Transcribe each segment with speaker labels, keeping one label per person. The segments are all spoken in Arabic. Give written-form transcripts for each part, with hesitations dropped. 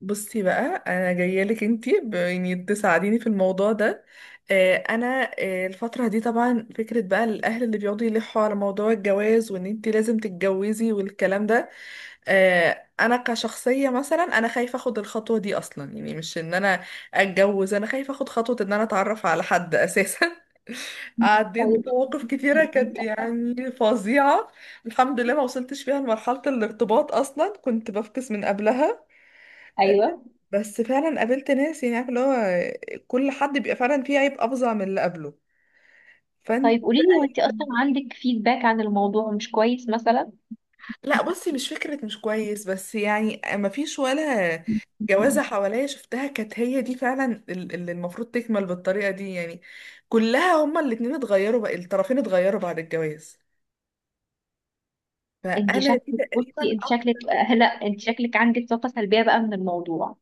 Speaker 1: بصي بقى، انا جايه لك انتي تساعديني في الموضوع ده. انا، الفتره دي طبعا فكره بقى الاهل اللي بيقعدوا يلحوا على موضوع الجواز وان انتي لازم تتجوزي والكلام ده. انا كشخصيه مثلا انا خايفه اخد الخطوه دي اصلا، يعني مش ان انا اتجوز، انا خايفه اخد خطوه ان انا اتعرف على حد اساسا. عديت
Speaker 2: طيب.
Speaker 1: بمواقف كتيره
Speaker 2: انت
Speaker 1: كانت
Speaker 2: اصلا.
Speaker 1: يعني فظيعه. الحمد لله ما وصلتش فيها لمرحله الارتباط، اصلا كنت بفكس من قبلها. آه،
Speaker 2: ايوه.
Speaker 1: بس فعلا قابلت ناس، يعني عارف اللي هو كل حد بيبقى فعلا فيه عيب افظع من اللي قبله. فانت.
Speaker 2: طيب قولي لي، وانت اصلا عندك فيدباك عن الموضوع مش كويس مثلا؟
Speaker 1: لا بصي، مش فكرة مش كويس، بس يعني ما فيش ولا جوازة حواليا شفتها كانت هي دي فعلا اللي المفروض تكمل بالطريقة دي، يعني كلها. هما الاتنين اتغيروا بقى، الطرفين اتغيروا بعد الجواز.
Speaker 2: انت
Speaker 1: فأنا دي
Speaker 2: شكلك
Speaker 1: تقريبا
Speaker 2: بصي انت
Speaker 1: أكتر
Speaker 2: شكلك آه، لا، انت
Speaker 1: حاجة.
Speaker 2: شكلك عندك طاقة سلبية بقى من الموضوع.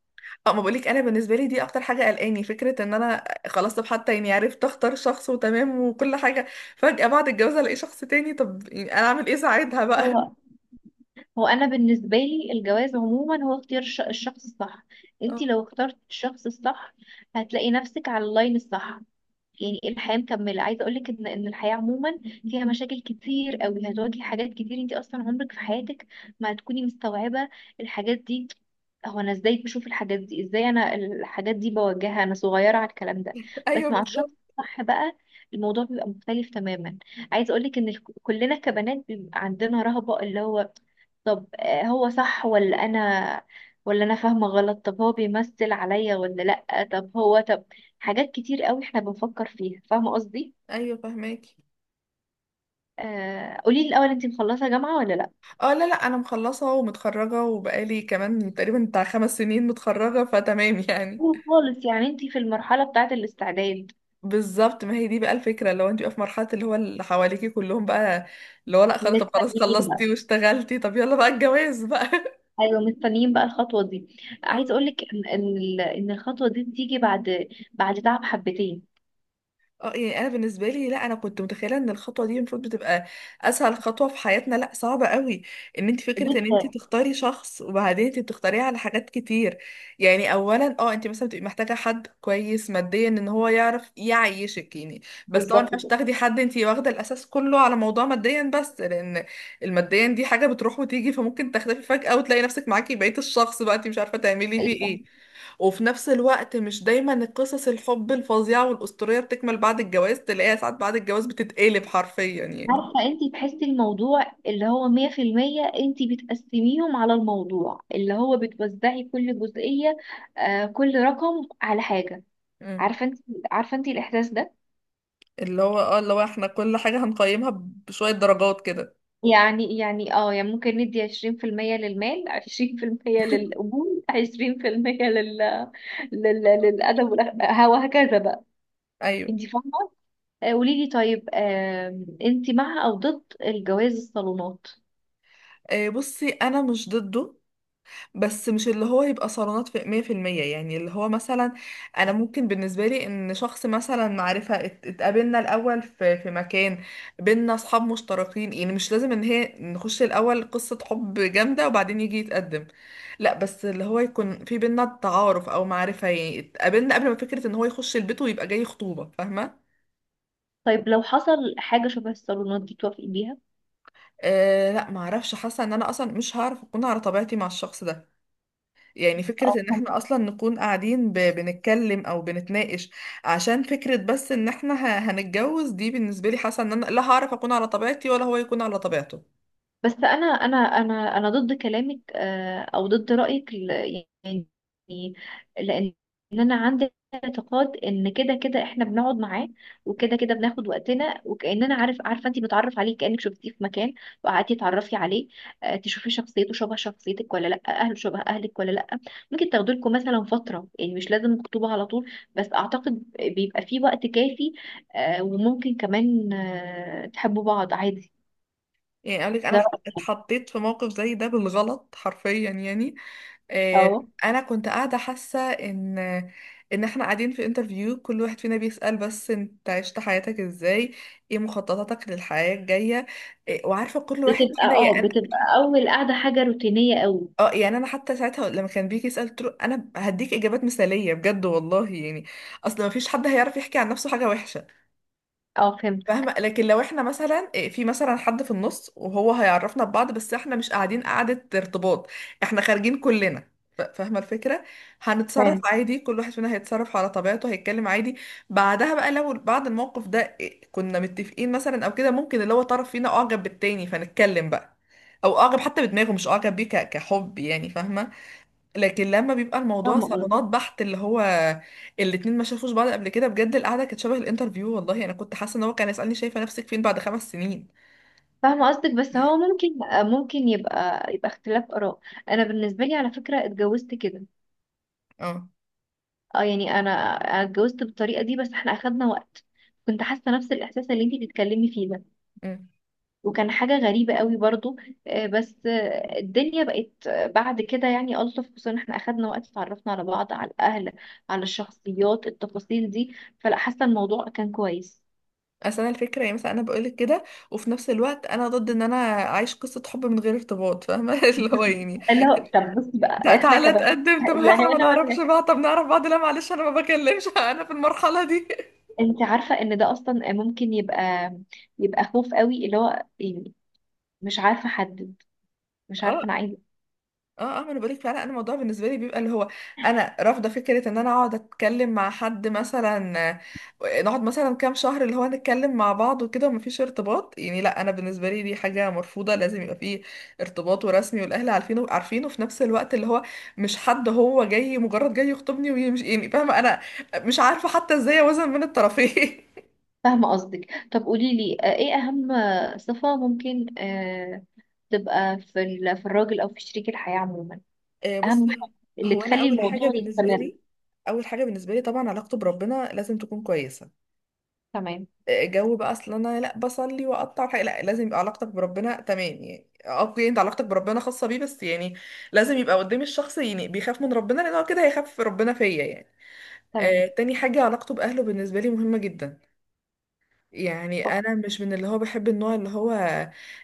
Speaker 1: اه، ما بقولك، انا بالنسبه لي دي اكتر حاجه قلقاني، فكره ان انا خلاص طب حتى يعني عرفت اختار شخص وتمام وكل حاجه، فجاه بعد الجواز الاقي شخص تاني. طب يعني انا اعمل ايه ساعتها بقى؟
Speaker 2: هو هو انا بالنسبة لي الجواز عموما هو اختيار الشخص الصح. انت
Speaker 1: اه.
Speaker 2: لو اخترت الشخص الصح، هتلاقي نفسك على اللاين الصح. يعني إيه الحياه مكمله؟ عايزه اقول لك ان الحياه عموما فيها مشاكل كتير قوي، هتواجهي حاجات كتير، انت اصلا عمرك في حياتك ما هتكوني مستوعبه الحاجات دي. هو انا ازاي بشوف الحاجات دي؟ ازاي انا الحاجات دي بواجهها؟ انا صغيره على الكلام ده. بس
Speaker 1: ايوه
Speaker 2: مع
Speaker 1: بالظبط.
Speaker 2: الشخص الصح بقى، الموضوع بيبقى مختلف تماما. عايزه اقول لك ان كلنا كبنات بيبقى عندنا رهبه، اللي هو طب هو صح ولا انا ولا انا فاهمه غلط؟ طب هو بيمثل عليا ولا لا؟ طب هو طب حاجات كتير قوي احنا بنفكر فيها، فاهمة قصدي؟
Speaker 1: ايوه فهماكي.
Speaker 2: قولي لي الاول، انتي مخلصة جامعة ولا لا؟
Speaker 1: اه، لا لا، انا مخلصه ومتخرجه وبقالي كمان تقريبا بتاع 5 سنين متخرجه، فتمام يعني.
Speaker 2: أول خالص، يعني انتي في المرحلة بتاعة الاستعداد.
Speaker 1: بالظبط، ما هي دي بقى الفكره، لو انت بقى في مرحله اللي هو اللي حواليكي كلهم بقى اللي هو لا خلاص، طب خلاص
Speaker 2: مستنيين بقى
Speaker 1: خلصتي واشتغلتي، طب يلا بقى الجواز بقى.
Speaker 2: ايوه، مستنيين بقى الخطوة دي. عايزة اقول لك إن الخطوة دي بتيجي بعد تعب حبتين.
Speaker 1: اه، يعني انا بالنسبه لي، لا انا كنت متخيله ان الخطوه دي المفروض بتبقى اسهل خطوه في حياتنا، لا صعبه قوي. ان انت فكره ان انت
Speaker 2: بص،
Speaker 1: تختاري شخص، وبعدين انت بتختاريه على حاجات كتير. يعني اولا اه انت مثلا بتبقي محتاجه حد كويس ماديا، ان هو يعرف يعيشك يعني. بس طبعا
Speaker 2: بالظبط
Speaker 1: مش
Speaker 2: كده.
Speaker 1: تاخدي حد انت واخده الاساس كله على موضوع ماديا بس، لان الماديا دي حاجه بتروح وتيجي، فممكن تختفي فجاه وتلاقي نفسك معاكي بقيه الشخص بقى انت مش عارفه تعملي فيه
Speaker 2: أيوة.
Speaker 1: ايه. وفي نفس الوقت مش دايما القصص الحب الفظيعة والأسطورية بتكمل بعد الجواز، تلاقيها ساعات بعد الجواز بتتقلب حرفيا يعني.
Speaker 2: عارفة انتي تحسي الموضوع اللي هو مية في المية، انتي بتقسميهم على الموضوع، اللي هو بتوزعي كل جزئية، كل رقم على حاجة.
Speaker 1: مم.
Speaker 2: عارفة انتي عارفة انتي الإحساس ده؟
Speaker 1: اللي هو اه اللي هو احنا كل حاجة هنقيمها بشوية درجات كده.
Speaker 2: يعني ممكن ندي عشرين في المية للمال، عشرين في المية للقبول، عشرين في المية للأدب وهكذا بقى.
Speaker 1: ايوه.
Speaker 2: انت فاهمة؟ قولي لي، طيب انت مع أو ضد الجواز الصالونات؟
Speaker 1: آه بصي، انا مش ضده، بس مش اللي هو يبقى صالونات في 100%، يعني اللي هو مثلا أنا ممكن بالنسبة لي إن شخص مثلا معرفة اتقابلنا الأول في مكان بينا أصحاب مشتركين، يعني مش لازم إن هي نخش الأول قصة حب جامدة وبعدين يجي يتقدم، لا بس اللي هو يكون في بينا تعارف أو معرفة، يعني اتقابلنا قبل ما فكرة إن هو يخش البيت ويبقى جاي خطوبة، فاهمة؟
Speaker 2: طيب لو حصل حاجة شبه الصالونات دي، توافقي بيها؟
Speaker 1: أه لا، معرفش، حاسة إن أنا أصلا مش هعرف أكون على طبيعتي مع الشخص ده. يعني
Speaker 2: اه،
Speaker 1: فكرة ان احنا اصلا نكون قاعدين بنتكلم او بنتناقش عشان فكرة بس ان احنا هنتجوز، دي بالنسبة لي حاسة ان انا لا هعرف اكون على طبيعتي ولا هو يكون على طبيعته.
Speaker 2: بس انا ضد كلامك، او ضد رايك، يعني لان انا عندي اعتقاد ان كده كده احنا بنقعد معاه، وكده كده بناخد وقتنا، وكاننا عارفه انت متعرف عليه، كانك شفتيه في مكان وقعدتي تعرفي عليه. تشوفي شخصيته شبه شخصيتك ولا لا، اهله شبه اهلك ولا لا. ممكن تاخدوا لكم مثلا فتره، يعني مش لازم خطوبه على طول، بس اعتقد بيبقى في وقت كافي. وممكن كمان تحبوا بعض عادي.
Speaker 1: يعني اقول لك،
Speaker 2: ده
Speaker 1: انا
Speaker 2: رأيي.
Speaker 1: اتحطيت في موقف زي ده بالغلط حرفيا يعني. آه.
Speaker 2: اه
Speaker 1: انا كنت قاعده حاسه ان احنا قاعدين في انترفيو، كل واحد فينا بيسأل بس انت عشت حياتك ازاي، ايه مخططاتك للحياه الجايه، إيه، وعارفه كل واحد
Speaker 2: بتبقى
Speaker 1: فينا
Speaker 2: اه
Speaker 1: يعني.
Speaker 2: بتبقى اول قاعده حاجه روتينيه قوي.
Speaker 1: اه يعني انا حتى ساعتها لما كان بيجي يسال قلت له انا هديك اجابات مثاليه بجد والله، يعني اصل ما فيش حد هيعرف يحكي عن نفسه حاجه وحشه.
Speaker 2: اه، فهمت.
Speaker 1: فاهمه، لكن لو احنا مثلا في مثلا حد في النص وهو هيعرفنا ببعض، بس احنا مش قاعدين قعده ارتباط، احنا خارجين كلنا، فاهمه الفكره. هنتصرف
Speaker 2: فهمت.
Speaker 1: عادي، كل واحد فينا هيتصرف على طبيعته، هيتكلم عادي. بعدها بقى لو بعد الموقف ده كنا متفقين مثلا او كده، ممكن اللي هو طرف فينا اعجب بالتاني، فنتكلم بقى، او اعجب حتى بدماغه مش اعجب بيه كحب يعني، فاهمه. لكن لما بيبقى الموضوع
Speaker 2: فاهمه قصدك
Speaker 1: صالونات بحت، اللي هو الاتنين ما شافوش بعض قبل كده، بجد القعده كانت شبه الانترفيو، والله انا كنت حاسه ان هو كان يسالني شايفه نفسك فين بعد 5 سنين.
Speaker 2: فاهمه قصدك بس هو ممكن يبقى اختلاف اراء. انا بالنسبه لي على فكره اتجوزت كده.
Speaker 1: اه.
Speaker 2: اه يعني انا اتجوزت بالطريقه دي، بس احنا اخدنا وقت. كنت حاسه نفس الاحساس اللي انتي بتتكلمي فيه ده،
Speaker 1: امم.
Speaker 2: وكان حاجه غريبه قوي برضو. بس الدنيا بقت بعد كده يعني الطف، خصوصا احنا اخدنا وقت، اتعرفنا على بعض، على الاهل، على الشخصيات، التفاصيل دي، فلا حاسه الموضوع كان كويس.
Speaker 1: اصل انا الفكره يعني مثلا انا بقولك كده وفي نفس الوقت انا ضد ان انا اعيش قصه حب من غير ارتباط، فاهمه؟ اللي هو يعني
Speaker 2: اللي هو طب بصي
Speaker 1: ده
Speaker 2: بقى، احنا
Speaker 1: تعالى
Speaker 2: كبنات
Speaker 1: تقدم، طب
Speaker 2: لا
Speaker 1: احنا ما
Speaker 2: هنا ولا
Speaker 1: نعرفش
Speaker 2: هنا.
Speaker 1: بعض، طب نعرف بعض، لا معلش انا ما بكلمش، انا في المرحله دي.
Speaker 2: انت عارفه ان ده اصلا ممكن يبقى خوف قوي، اللي هو يعني مش عارفه احدد، مش عارفه انا عايزه.
Speaker 1: اه اه ما انا بقولك فعلا، انا الموضوع بالنسبه لي بيبقى اللي هو انا رافضه فكره ان انا اقعد اتكلم مع حد مثلا، نقعد مثلا كام شهر اللي هو نتكلم مع بعض وكده ومفيش ارتباط، يعني لا، انا بالنسبه لي دي حاجه مرفوضه، لازم يبقى فيه ارتباط ورسمي والاهل عارفينه، عارفينه في نفس الوقت اللي هو مش حد هو جاي مجرد جاي يخطبني ويمشي، يعني فاهمه. انا مش عارفه حتى ازاي اوازن بين الطرفين.
Speaker 2: فاهمه قصدك. طب قولي لي، ايه اهم صفه ممكن تبقى في في الراجل او في شريك الحياه عموما، اهم
Speaker 1: بصي،
Speaker 2: حاجه اللي
Speaker 1: هو انا
Speaker 2: تخلي
Speaker 1: اول حاجه
Speaker 2: الموضوع
Speaker 1: بالنسبه
Speaker 2: يستمر.
Speaker 1: لي، اول حاجه بالنسبه لي طبعا علاقته بربنا لازم تكون كويسه.
Speaker 2: تمام.
Speaker 1: جو بقى اصل انا لا بصلي واقطع حاجة، لا لازم يبقى علاقتك بربنا تمام يعني، اوكي انت علاقتك بربنا خاصة بيه بس، يعني لازم يبقى قدام الشخص يعني بيخاف من ربنا، لان هو كده هيخاف ربنا فيا يعني.
Speaker 2: تمام.
Speaker 1: آه، تاني حاجة علاقته بأهله بالنسبة لي مهمة جدا. يعني
Speaker 2: أوكي.
Speaker 1: انا مش من اللي هو بحب النوع اللي هو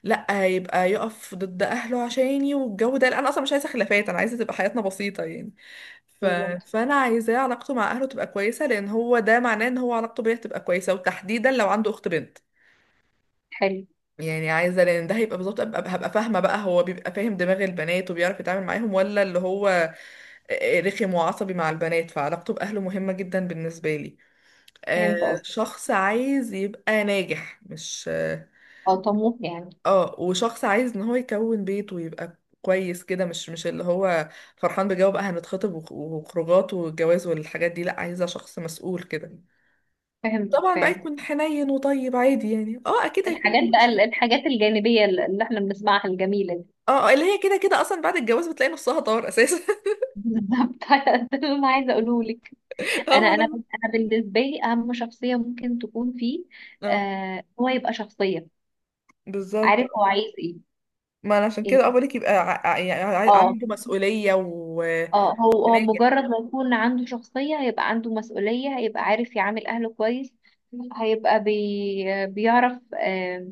Speaker 1: لا يبقى يقف ضد اهله عشاني والجو ده، لا انا اصلا مش عايزة خلافات، انا عايزة تبقى حياتنا بسيطة يعني. ف...
Speaker 2: بالظبط.
Speaker 1: فانا عايزاه علاقته مع اهله تبقى كويسة، لان هو ده معناه ان هو علاقته بيا تبقى كويسة، وتحديدا لو عنده اخت بنت،
Speaker 2: حلو.
Speaker 1: يعني عايزه لان ده هيبقى بالظبط هبقى فاهمه بقى هو بيبقى فاهم دماغ البنات وبيعرف يتعامل معاهم، ولا اللي هو رخم وعصبي مع البنات. فعلاقته باهله مهمه جدا بالنسبه لي. آه.
Speaker 2: فهمت قصدك.
Speaker 1: شخص عايز يبقى ناجح، مش اه.
Speaker 2: اه، طموح يعني.
Speaker 1: وشخص عايز ان هو يكون بيت ويبقى كويس كده، مش اللي هو فرحان بجو بقى هنتخطب وخروجات والجواز والحاجات دي، لا عايزه شخص مسؤول كده.
Speaker 2: فهمتك
Speaker 1: طبعا بقى
Speaker 2: فعلا.
Speaker 1: يكون حنين وطيب عادي، يعني اه اكيد هيكون.
Speaker 2: الحاجات بقى، الحاجات الجانبية اللي احنا بنسمعها الجميلة دي.
Speaker 1: اه، اللي هي كده كده اصلا بعد الجواز بتلاقي نصها طار اساسا.
Speaker 2: بالظبط. ده اللي انا عايزة اقوله لك.
Speaker 1: اه
Speaker 2: انا
Speaker 1: ما
Speaker 2: انا
Speaker 1: دام.
Speaker 2: انا بالنسبة لي اهم شخصية ممكن تكون فيه،
Speaker 1: اه.
Speaker 2: هو يبقى شخصية،
Speaker 1: بالظبط
Speaker 2: عارف هو
Speaker 1: آه.
Speaker 2: عايز ايه.
Speaker 1: ما انا عشان
Speaker 2: يعني
Speaker 1: كده اه بقولك يبقى
Speaker 2: اه
Speaker 1: عنده مسؤوليه وناجح.
Speaker 2: اه هو مجرد ما يكون عنده شخصية، هيبقى عنده مسؤولية، هيبقى عارف يعامل اهله كويس، هيبقى بيعرف آه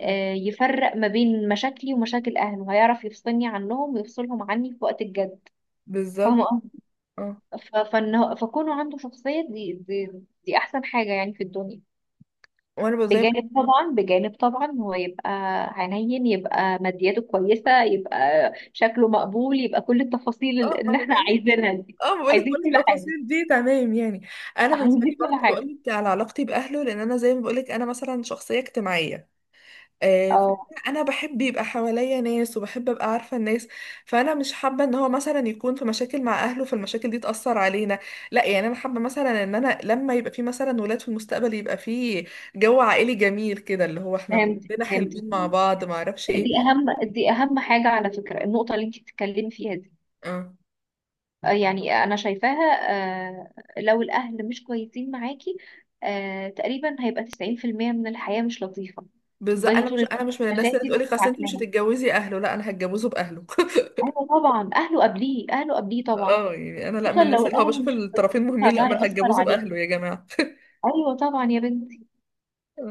Speaker 2: آه يفرق ما بين مشاكلي ومشاكل اهله، هيعرف يفصلني عنهم ويفصلهم عني في وقت الجد.
Speaker 1: بالظبط.
Speaker 2: فاهمة؟
Speaker 1: اه.
Speaker 2: فكونه عنده شخصية، دي احسن حاجة يعني في الدنيا.
Speaker 1: وانا بقول زي.
Speaker 2: بجانب طبعا، هو يبقى حنين، يبقى مادياته كويسة، يبقى شكله مقبول، يبقى كل التفاصيل
Speaker 1: اه ما
Speaker 2: اللي
Speaker 1: انا
Speaker 2: احنا
Speaker 1: بقول لك،
Speaker 2: عايزينها دي.
Speaker 1: اه بقول لك
Speaker 2: عايزين
Speaker 1: كل
Speaker 2: كل حاجة.
Speaker 1: التفاصيل دي تمام يعني. انا بالنسبه
Speaker 2: عايزين
Speaker 1: لي
Speaker 2: كل
Speaker 1: برضه بقول
Speaker 2: حاجة.
Speaker 1: لك على علاقتي باهله، لان انا زي ما بقول لك انا مثلا شخصيه اجتماعيه،
Speaker 2: اه،
Speaker 1: انا بحب يبقى حواليا ناس وبحب ابقى عارفه الناس. فانا مش حابه ان هو مثلا يكون في مشاكل مع اهله فالمشاكل دي تاثر علينا، لا يعني انا حابه مثلا ان انا لما يبقى في مثلا ولاد في المستقبل يبقى في جو عائلي جميل كده اللي هو احنا
Speaker 2: فهمت
Speaker 1: كلنا
Speaker 2: فهمت
Speaker 1: حلوين مع بعض، ما اعرفش ايه.
Speaker 2: دي اهم دي اهم حاجة على فكرة، النقطة اللي انت بتتكلمي فيها دي.
Speaker 1: اه.
Speaker 2: يعني انا شايفاها. آه، لو الاهل مش كويسين معاكي، تقريبا هيبقى 90% من الحياة مش لطيفة.
Speaker 1: بالظبط،
Speaker 2: تفضلي
Speaker 1: انا
Speaker 2: طول
Speaker 1: مش انا
Speaker 2: الوقت
Speaker 1: مش من
Speaker 2: في
Speaker 1: الناس اللي
Speaker 2: مشاكل
Speaker 1: تقولي خلاص انت مش
Speaker 2: ومتعكنها.
Speaker 1: هتتجوزي اهله، لا انا هتجوزه باهله.
Speaker 2: ايوه طبعا، اهله قبليه، اهله قبليه طبعا.
Speaker 1: اه، يعني انا لا من
Speaker 2: خصوصا
Speaker 1: الناس
Speaker 2: لو
Speaker 1: اللي هو
Speaker 2: الاهل
Speaker 1: بشوف
Speaker 2: مش
Speaker 1: الطرفين
Speaker 2: كويسين،
Speaker 1: مهمين، لا
Speaker 2: فده
Speaker 1: ما انا
Speaker 2: هيأثر
Speaker 1: هتجوزه
Speaker 2: عليك.
Speaker 1: باهله يا جماعه.
Speaker 2: ايوه طبعا يا بنتي.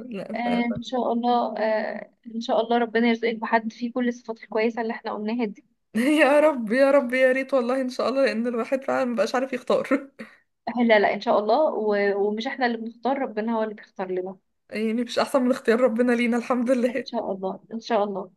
Speaker 1: لا.
Speaker 2: آه، ان شاء الله. ان شاء الله ربنا يرزقك بحد فيه كل الصفات الكويسة اللي احنا قلناها دي.
Speaker 1: يا رب يا رب، يا ريت والله ان شاء الله، لان الواحد فعلا مبقاش عارف يختار.
Speaker 2: لا، لا، ان شاء الله. ومش احنا اللي بنختار، ربنا هو اللي بيختار لنا.
Speaker 1: يعني مش احسن من اختيار ربنا لينا؟ الحمد
Speaker 2: ان
Speaker 1: لله.
Speaker 2: شاء الله، ان شاء الله.